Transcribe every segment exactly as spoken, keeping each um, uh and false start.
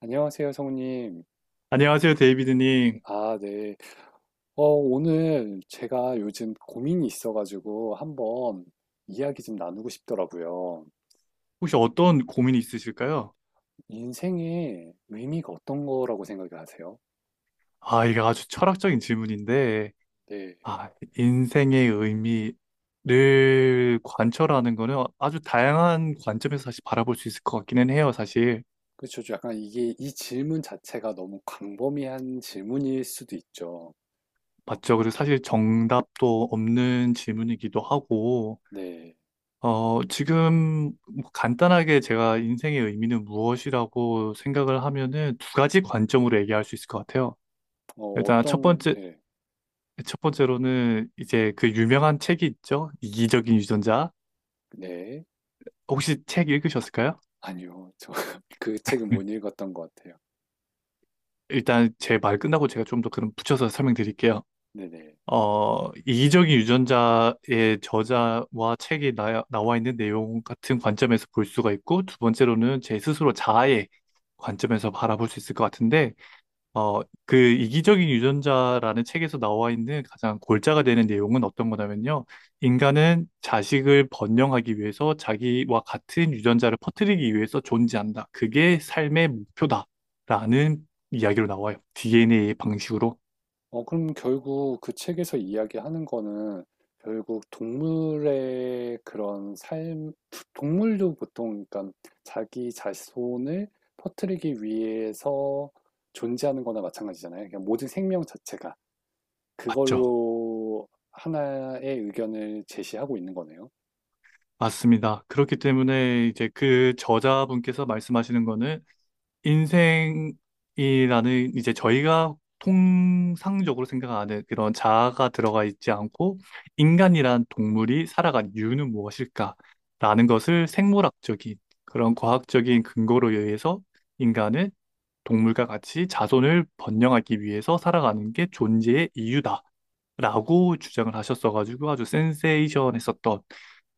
안녕하세요, 성우님. 안녕하세요, 데이비드님. 아, 네. 어, 오늘 제가 요즘 고민이 있어가지고 한번 이야기 좀 나누고 싶더라고요. 혹시 어떤 고민이 있으실까요? 인생의 의미가 어떤 거라고 생각하세요? 아, 이게 아주 철학적인 질문인데, 네. 아, 인생의 의미를 관철하는 거는 아주 다양한 관점에서 사실 바라볼 수 있을 것 같기는 해요, 사실. 그렇죠. 약간 이게 이 질문 자체가 너무 광범위한 질문일 수도 있죠. 맞죠? 그리고 사실 정답도 없는 질문이기도 하고, 네. 어, 지금 뭐 간단하게 제가 인생의 의미는 무엇이라고 생각을 하면은 두 가지 관점으로 얘기할 수 있을 것 같아요. 어, 일단 첫 어떤, 번째, 네. 첫 번째로는 이제 그 유명한 책이 있죠. 이기적인 유전자. 네. 혹시 책 읽으셨을까요? 아니요. 저 그 책은 음. 못 읽었던 것 같아요. 일단 제 말 끝나고 제가 좀 더 그럼 붙여서 설명드릴게요. 네네. 어, 이기적인 유전자의 저자와 책에 나, 나와 있는 내용 같은 관점에서 볼 수가 있고, 두 번째로는 제 스스로 자아의 관점에서 바라볼 수 있을 것 같은데, 어, 그 이기적인 유전자라는 책에서 나와 있는 가장 골자가 되는 내용은 어떤 거냐면요. 인간은 자식을 번영하기 위해서 자기와 같은 유전자를 퍼뜨리기 위해서 존재한다. 그게 삶의 목표다. 라는 이야기로 나와요. 디엔에이의 방식으로. 어, 그럼 결국 그 책에서 이야기하는 거는 결국 동물의 그런 삶, 동물도 보통 그러니까 자기 자손을 퍼뜨리기 위해서 존재하는 거나 마찬가지잖아요. 그러니까 모든 생명 자체가 맞죠? 그걸로 하나의 의견을 제시하고 있는 거네요. 맞습니다. 그렇기 때문에 이제 그 저자분께서 말씀하시는 거는 인생이라는 이제 저희가 통상적으로 생각하는 그런 자아가 들어가 있지 않고 인간이란 동물이 살아간 이유는 무엇일까라는 것을 생물학적인 그런 과학적인 근거로 의해서 인간은 동물과 같이 자손을 번영하기 위해서 살아가는 게 존재의 이유다라고 주장을 하셨어가지고 아주 센세이션했었던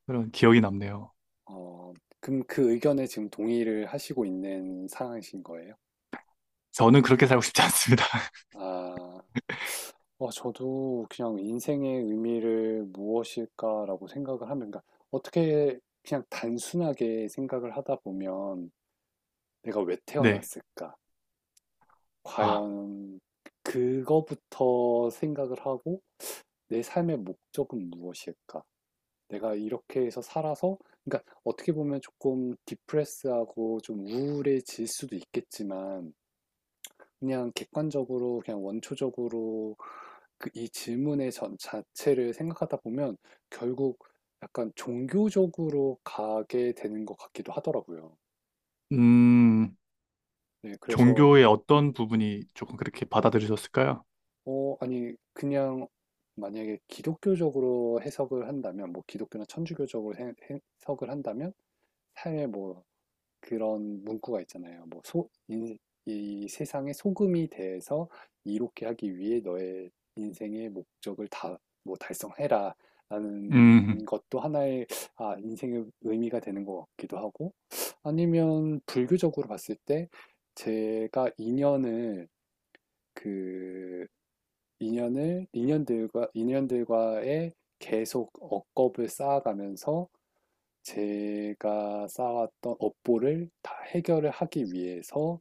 그런 기억이 남네요. 어, 그럼 그 의견에 지금 동의를 하시고 있는 상황이신 거예요? 저는 그렇게 살고 싶지 않습니다. 아, 어, 저도 그냥 인생의 의미를 무엇일까라고 생각을 하면, 그러니까 어떻게 그냥 단순하게 생각을 하다 보면 내가 왜 네. 태어났을까? 아, 과연 그거부터 생각을 하고 내 삶의 목적은 무엇일까? 내가 이렇게 해서 살아서, 그러니까 어떻게 보면 조금 디프레스하고 좀 우울해질 수도 있겠지만, 그냥 객관적으로, 그냥 원초적으로 그 이 질문의 전 자체를 생각하다 보면 결국 약간 종교적으로 가게 되는 것 같기도 하더라고요. 음. 네, 그래서, 종교의 어떤 부분이 조금 그렇게 받아들이셨을까요? 어, 아니, 그냥 만약에 기독교적으로 해석을 한다면, 뭐 기독교나 천주교적으로 해, 석을 한다면, 삶의 뭐 그런 문구가 있잖아요. 뭐 소, 인, 이 세상의 소금이 돼서 이롭게 하기 위해 너의 인생의 목적을 다, 뭐 달성해라. 음, 라는 것도 하나의, 아, 인생의 의미가 되는 것 같기도 하고, 아니면 불교적으로 봤을 때, 제가 인연을, 그, 인연을, 인연들과, 인연들과의 계속 억겁을 쌓아가면서 제가 쌓았던 업보를 다 해결을 하기 위해서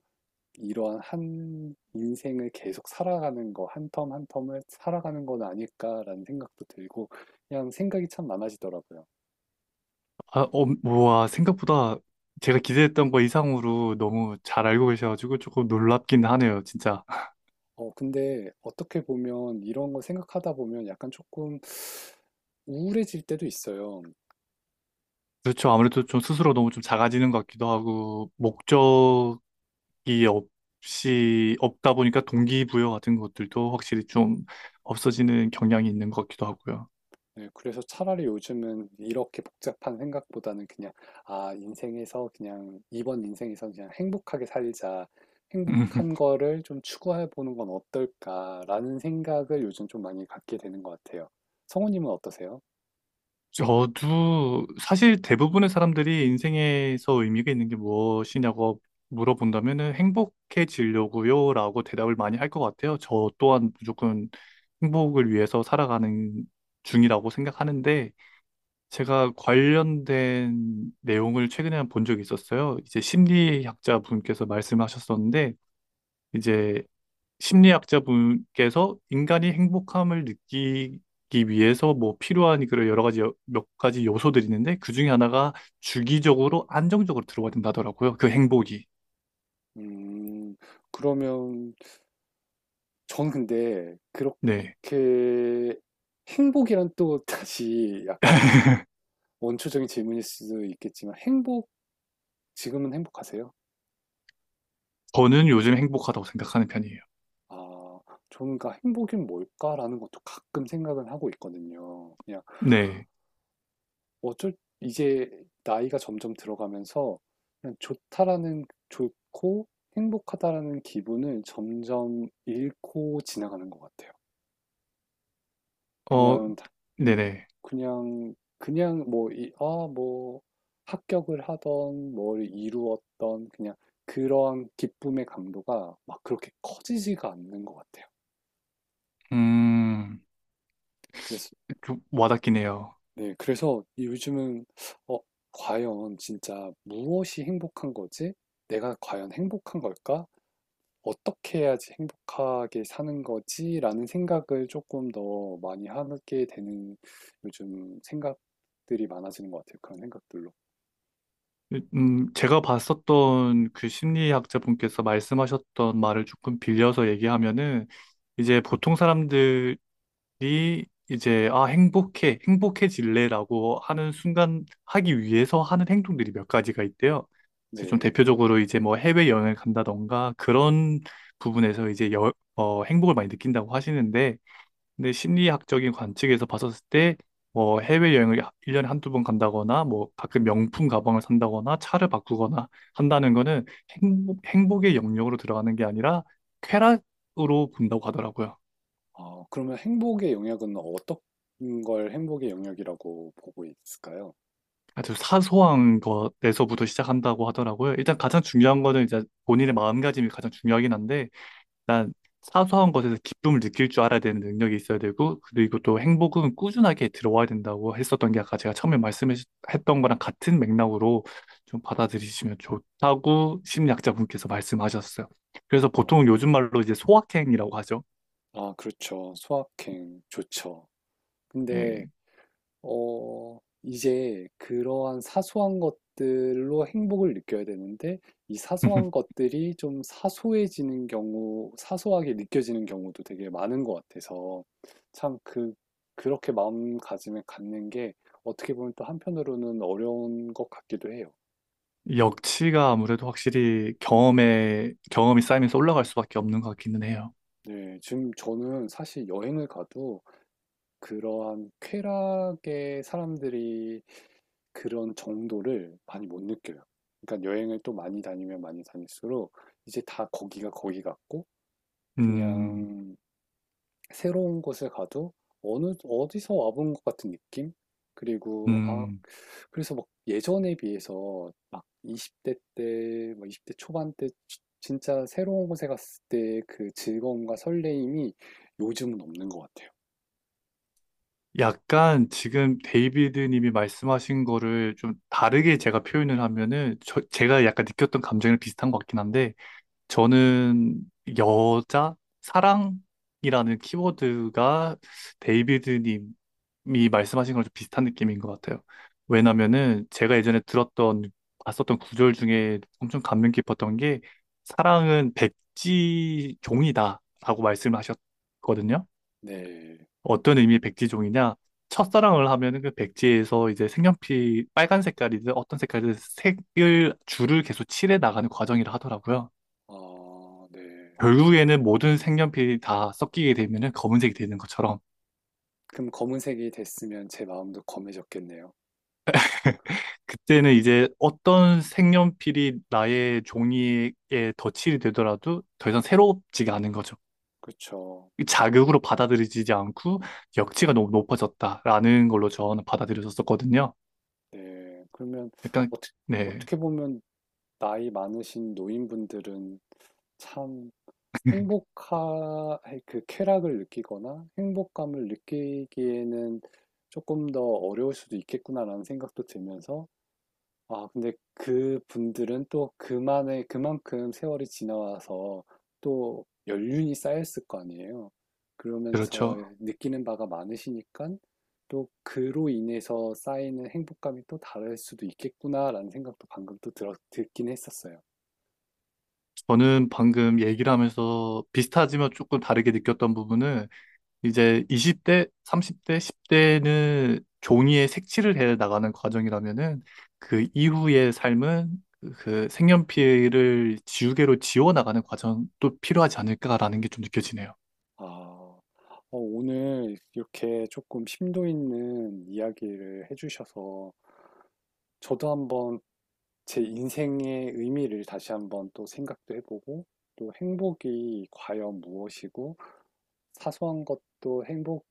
이러한 한 인생을 계속 살아가는 거, 한 텀 한 텀을 살아가는 건 아닐까라는 생각도 들고, 그냥 생각이 참 많아지더라고요. 아, 어, 와, 생각보다 제가 기대했던 거 이상으로 너무 잘 알고 계셔가지고 조금 놀랍긴 하네요, 진짜. 어, 근데 어떻게 보면 이런 거 생각하다 보면 약간 조금 우울해질 때도 있어요. 그렇죠. 아무래도 좀 스스로 너무 좀 작아지는 것 같기도 하고, 목적이 없이, 없다 보니까 동기부여 같은 것들도 확실히 좀 없어지는 경향이 있는 것 같기도 하고요. 네, 그래서 차라리 요즘은 이렇게 복잡한 생각보다는 그냥, 아, 인생에서 그냥, 이번 인생에서 그냥 행복하게 살자. 행복한 거를 좀 추구해 보는 건 어떨까라는 생각을 요즘 좀 많이 갖게 되는 것 같아요. 성우님은 어떠세요? 저도 사실 대부분의 사람들이 인생에서 의미가 있는 게 무엇이냐고 물어본다면은 행복해지려고요라고 대답을 많이 할 것 같아요. 저 또한 무조건 행복을 위해서 살아가는 중이라고 생각하는데 제가 관련된 내용을 최근에 한 본 적이 있었어요. 이제 심리학자 분께서 말씀하셨었는데 이제 심리학자분께서 인간이 행복함을 느끼기 위해서 뭐 필요한 그런 여러 가지 여- 몇 가지 요소들이 있는데 그중에 하나가 주기적으로 안정적으로 들어와야 된다더라고요. 그 행복이. 음, 그러면, 전 근데 네. 그렇게 행복이란 또 다시 약간 원초적인 질문일 수도 있겠지만, 행복, 지금은 행복하세요? 저는 요즘 행복하다고 생각하는 편이에요. 아, 저는 그러니까 '행복이 뭘까?'라는 것도 가끔 생각은 하고 있거든요. 그냥 네. 어쩔 이제 나이가 점점 들어가면서 그냥 좋다라는 좋고 행복하다라는 기분을 점점 잃고 지나가는 것 같아요. 어, 그냥 다 네네. 그냥 그냥 뭐 이 아 뭐 합격을 하던 뭘 이루었던 그냥 그러한 기쁨의 강도가 막 그렇게 커지지가 않는 것 같아요. 음, 그래서 좀 와닿기네요. 네, 그래서 요즘은 어, 과연 진짜 무엇이 행복한 거지? 내가 과연 행복한 걸까? 어떻게 해야지 행복하게 사는 거지? 라는 생각을 조금 더 많이 하게 되는 요즘 생각들이 많아지는 것 같아요. 그런 생각들로. 음, 제가 봤었던 그 심리학자분께서 말씀하셨던 말을 조금 빌려서 얘기하면은 이제 보통 사람들이 이 이제 아 행복해 행복해질래라고 하는 순간 하기 위해서 하는 행동들이 몇 가지가 있대요. 이제 좀 네. 대표적으로 이제 뭐 해외 여행을 간다던가 그런 부분에서 이제 여, 어, 행복을 많이 느낀다고 하시는데 근데 심리학적인 관측에서 봤었을 때 뭐 해외 여행을 일 년에 한두 번 간다거나 뭐 가끔 명품 가방을 산다거나 차를 바꾸거나 한다는 거는 행복, 행복의 영역으로 들어가는 게 아니라 쾌락으로 본다고 하더라고요. 아, 그러면 행복의 영역은 어떤 걸 행복의 영역이라고 보고 있을까요? 아주 사소한 것에서부터 시작한다고 하더라고요. 일단 가장 중요한 거는 이제 본인의 마음가짐이 가장 중요하긴 한데, 난 사소한 것에서 기쁨을 느낄 줄 알아야 되는 능력이 있어야 되고, 그리고 또 행복은 꾸준하게 들어와야 된다고 했었던 게 아까 제가 처음에 말씀했던 거랑 같은 맥락으로 좀 받아들이시면 좋다고 심리학자분께서 말씀하셨어요. 그래서 어, 보통 요즘 말로 이제 소확행이라고 하죠. 아, 그렇죠. 소확행 좋죠. 근데 예. 어, 이제 그러한 사소한 것들로 행복을 느껴야 되는데, 이 사소한 것들이 좀 사소해지는 경우, 사소하게 느껴지는 경우도 되게 많은 것 같아서, 참 그, 그렇게 마음가짐을 갖는 게 어떻게 보면 또 한편으로는 어려운 것 같기도 해요. 역치가 아무래도 확실히 경험에, 경험이 쌓이면서 올라갈 수밖에 없는 것 같기는 해요. 네, 지금 저는 사실 여행을 가도 그러한 쾌락에 사람들이 그런 정도를 많이 못 느껴요. 그러니까 여행을 또 많이 다니면 많이 다닐수록 이제 다 거기가 거기 같고 음, 그냥 새로운 곳에 가도 어느 어디서 와본 것 같은 느낌? 그리고 아 음, 그래서 막 예전에 비해서 막 이십 대 때, 막 이십 대 초반 때 지- 진짜 새로운 곳에 갔을 때 그 즐거움과 설레임이 요즘은 없는 것 같아요. 약간 지금 데이비드 님이 말씀하신 거를 좀 다르게 제가 표현을 하면은 저, 제가 약간 느꼈던 감정이랑 비슷한 것 같긴 한데 저는 여자, 사랑이라는 키워드가 데이비드 님이 말씀하신 거랑 좀 비슷한 느낌인 것 같아요. 왜냐면은 제가 예전에 들었던, 봤었던 구절 중에 엄청 감명 깊었던 게 사랑은 백지 종이다라고 말씀을 하셨거든요. 네. 어떤 의미의 백지종이냐? 첫사랑을 하면은 그 백지에서 이제 색연필 빨간 색깔이든 어떤 색깔이든 색을 줄을 계속 칠해 나가는 과정이라 하더라고요. 아, 네. 결국에는 모든 색연필이 다 섞이게 되면은 검은색이 되는 것처럼 그럼 검은색이 됐으면 제 마음도 검해졌겠네요. 그때는 이제 어떤 색연필이 나의 종이에 덧칠이 되더라도 더 이상 새롭지가 않은 거죠. 그죠 이 자극으로 받아들이지 않고 역치가 너무 높아졌다라는 걸로 저는 받아들였었거든요. 네. 그러면 약간 어떻 네, 어떻게 보면 나이 많으신 노인분들은 참 행복하 그 쾌락을 느끼거나 행복감을 느끼기에는 '조금 더 어려울 수도 있겠구나.'라는 생각도 들면서 아, 근데 그 분들은 또 그만의, 그만큼 세월이 지나와서 또 연륜이 쌓였을 거 아니에요. 그러면서 예, 그렇죠. 느끼는 바가 많으시니까 또 그로 인해서 쌓이는 행복감이 또 다를 수도 있겠구나라는 생각도 방금 또 들었, 듣긴 했었어요. 저는 방금 얘기를 하면서 비슷하지만 조금 다르게 느꼈던 부분은 이제 이십 대, 삼십 대, 십 대는 종이에 색칠을 해 나가는 과정이라면은 그 이후의 삶은 그 색연필을 지우개로 지워 나가는 과정도 필요하지 않을까라는 게 좀 느껴지네요. 아, 어, 오늘 이렇게 조금 심도 있는 이야기를 해주셔서 저도 한번 제 인생의 의미를 다시 한번 또 생각도 해보고, 또 행복이 과연 무엇이고, 사소한 것도 행복,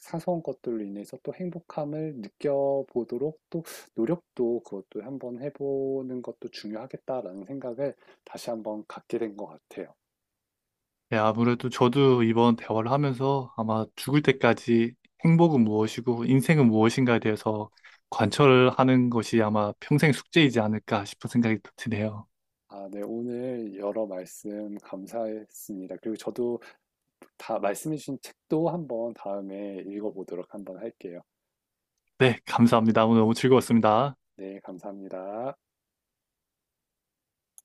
사소한 것들로 인해서 또 행복함을 느껴보도록 또 노력도 그것도 한번 해보는 것도 중요하겠다라는 생각을 다시 한번 갖게 된 것 같아요. 네, 아무래도 저도 이번 대화를 하면서 아마 죽을 때까지 행복은 무엇이고 인생은 무엇인가에 대해서 관철하는 것이 아마 평생 숙제이지 않을까 싶은 생각이 드네요. 아, 네. 오늘 여러 말씀 감사했습니다. 그리고 저도 다 말씀해주신 책도 한번 다음에 읽어보도록 한번 할게요. 네, 감사합니다. 오늘 너무 즐거웠습니다. 네, 감사합니다.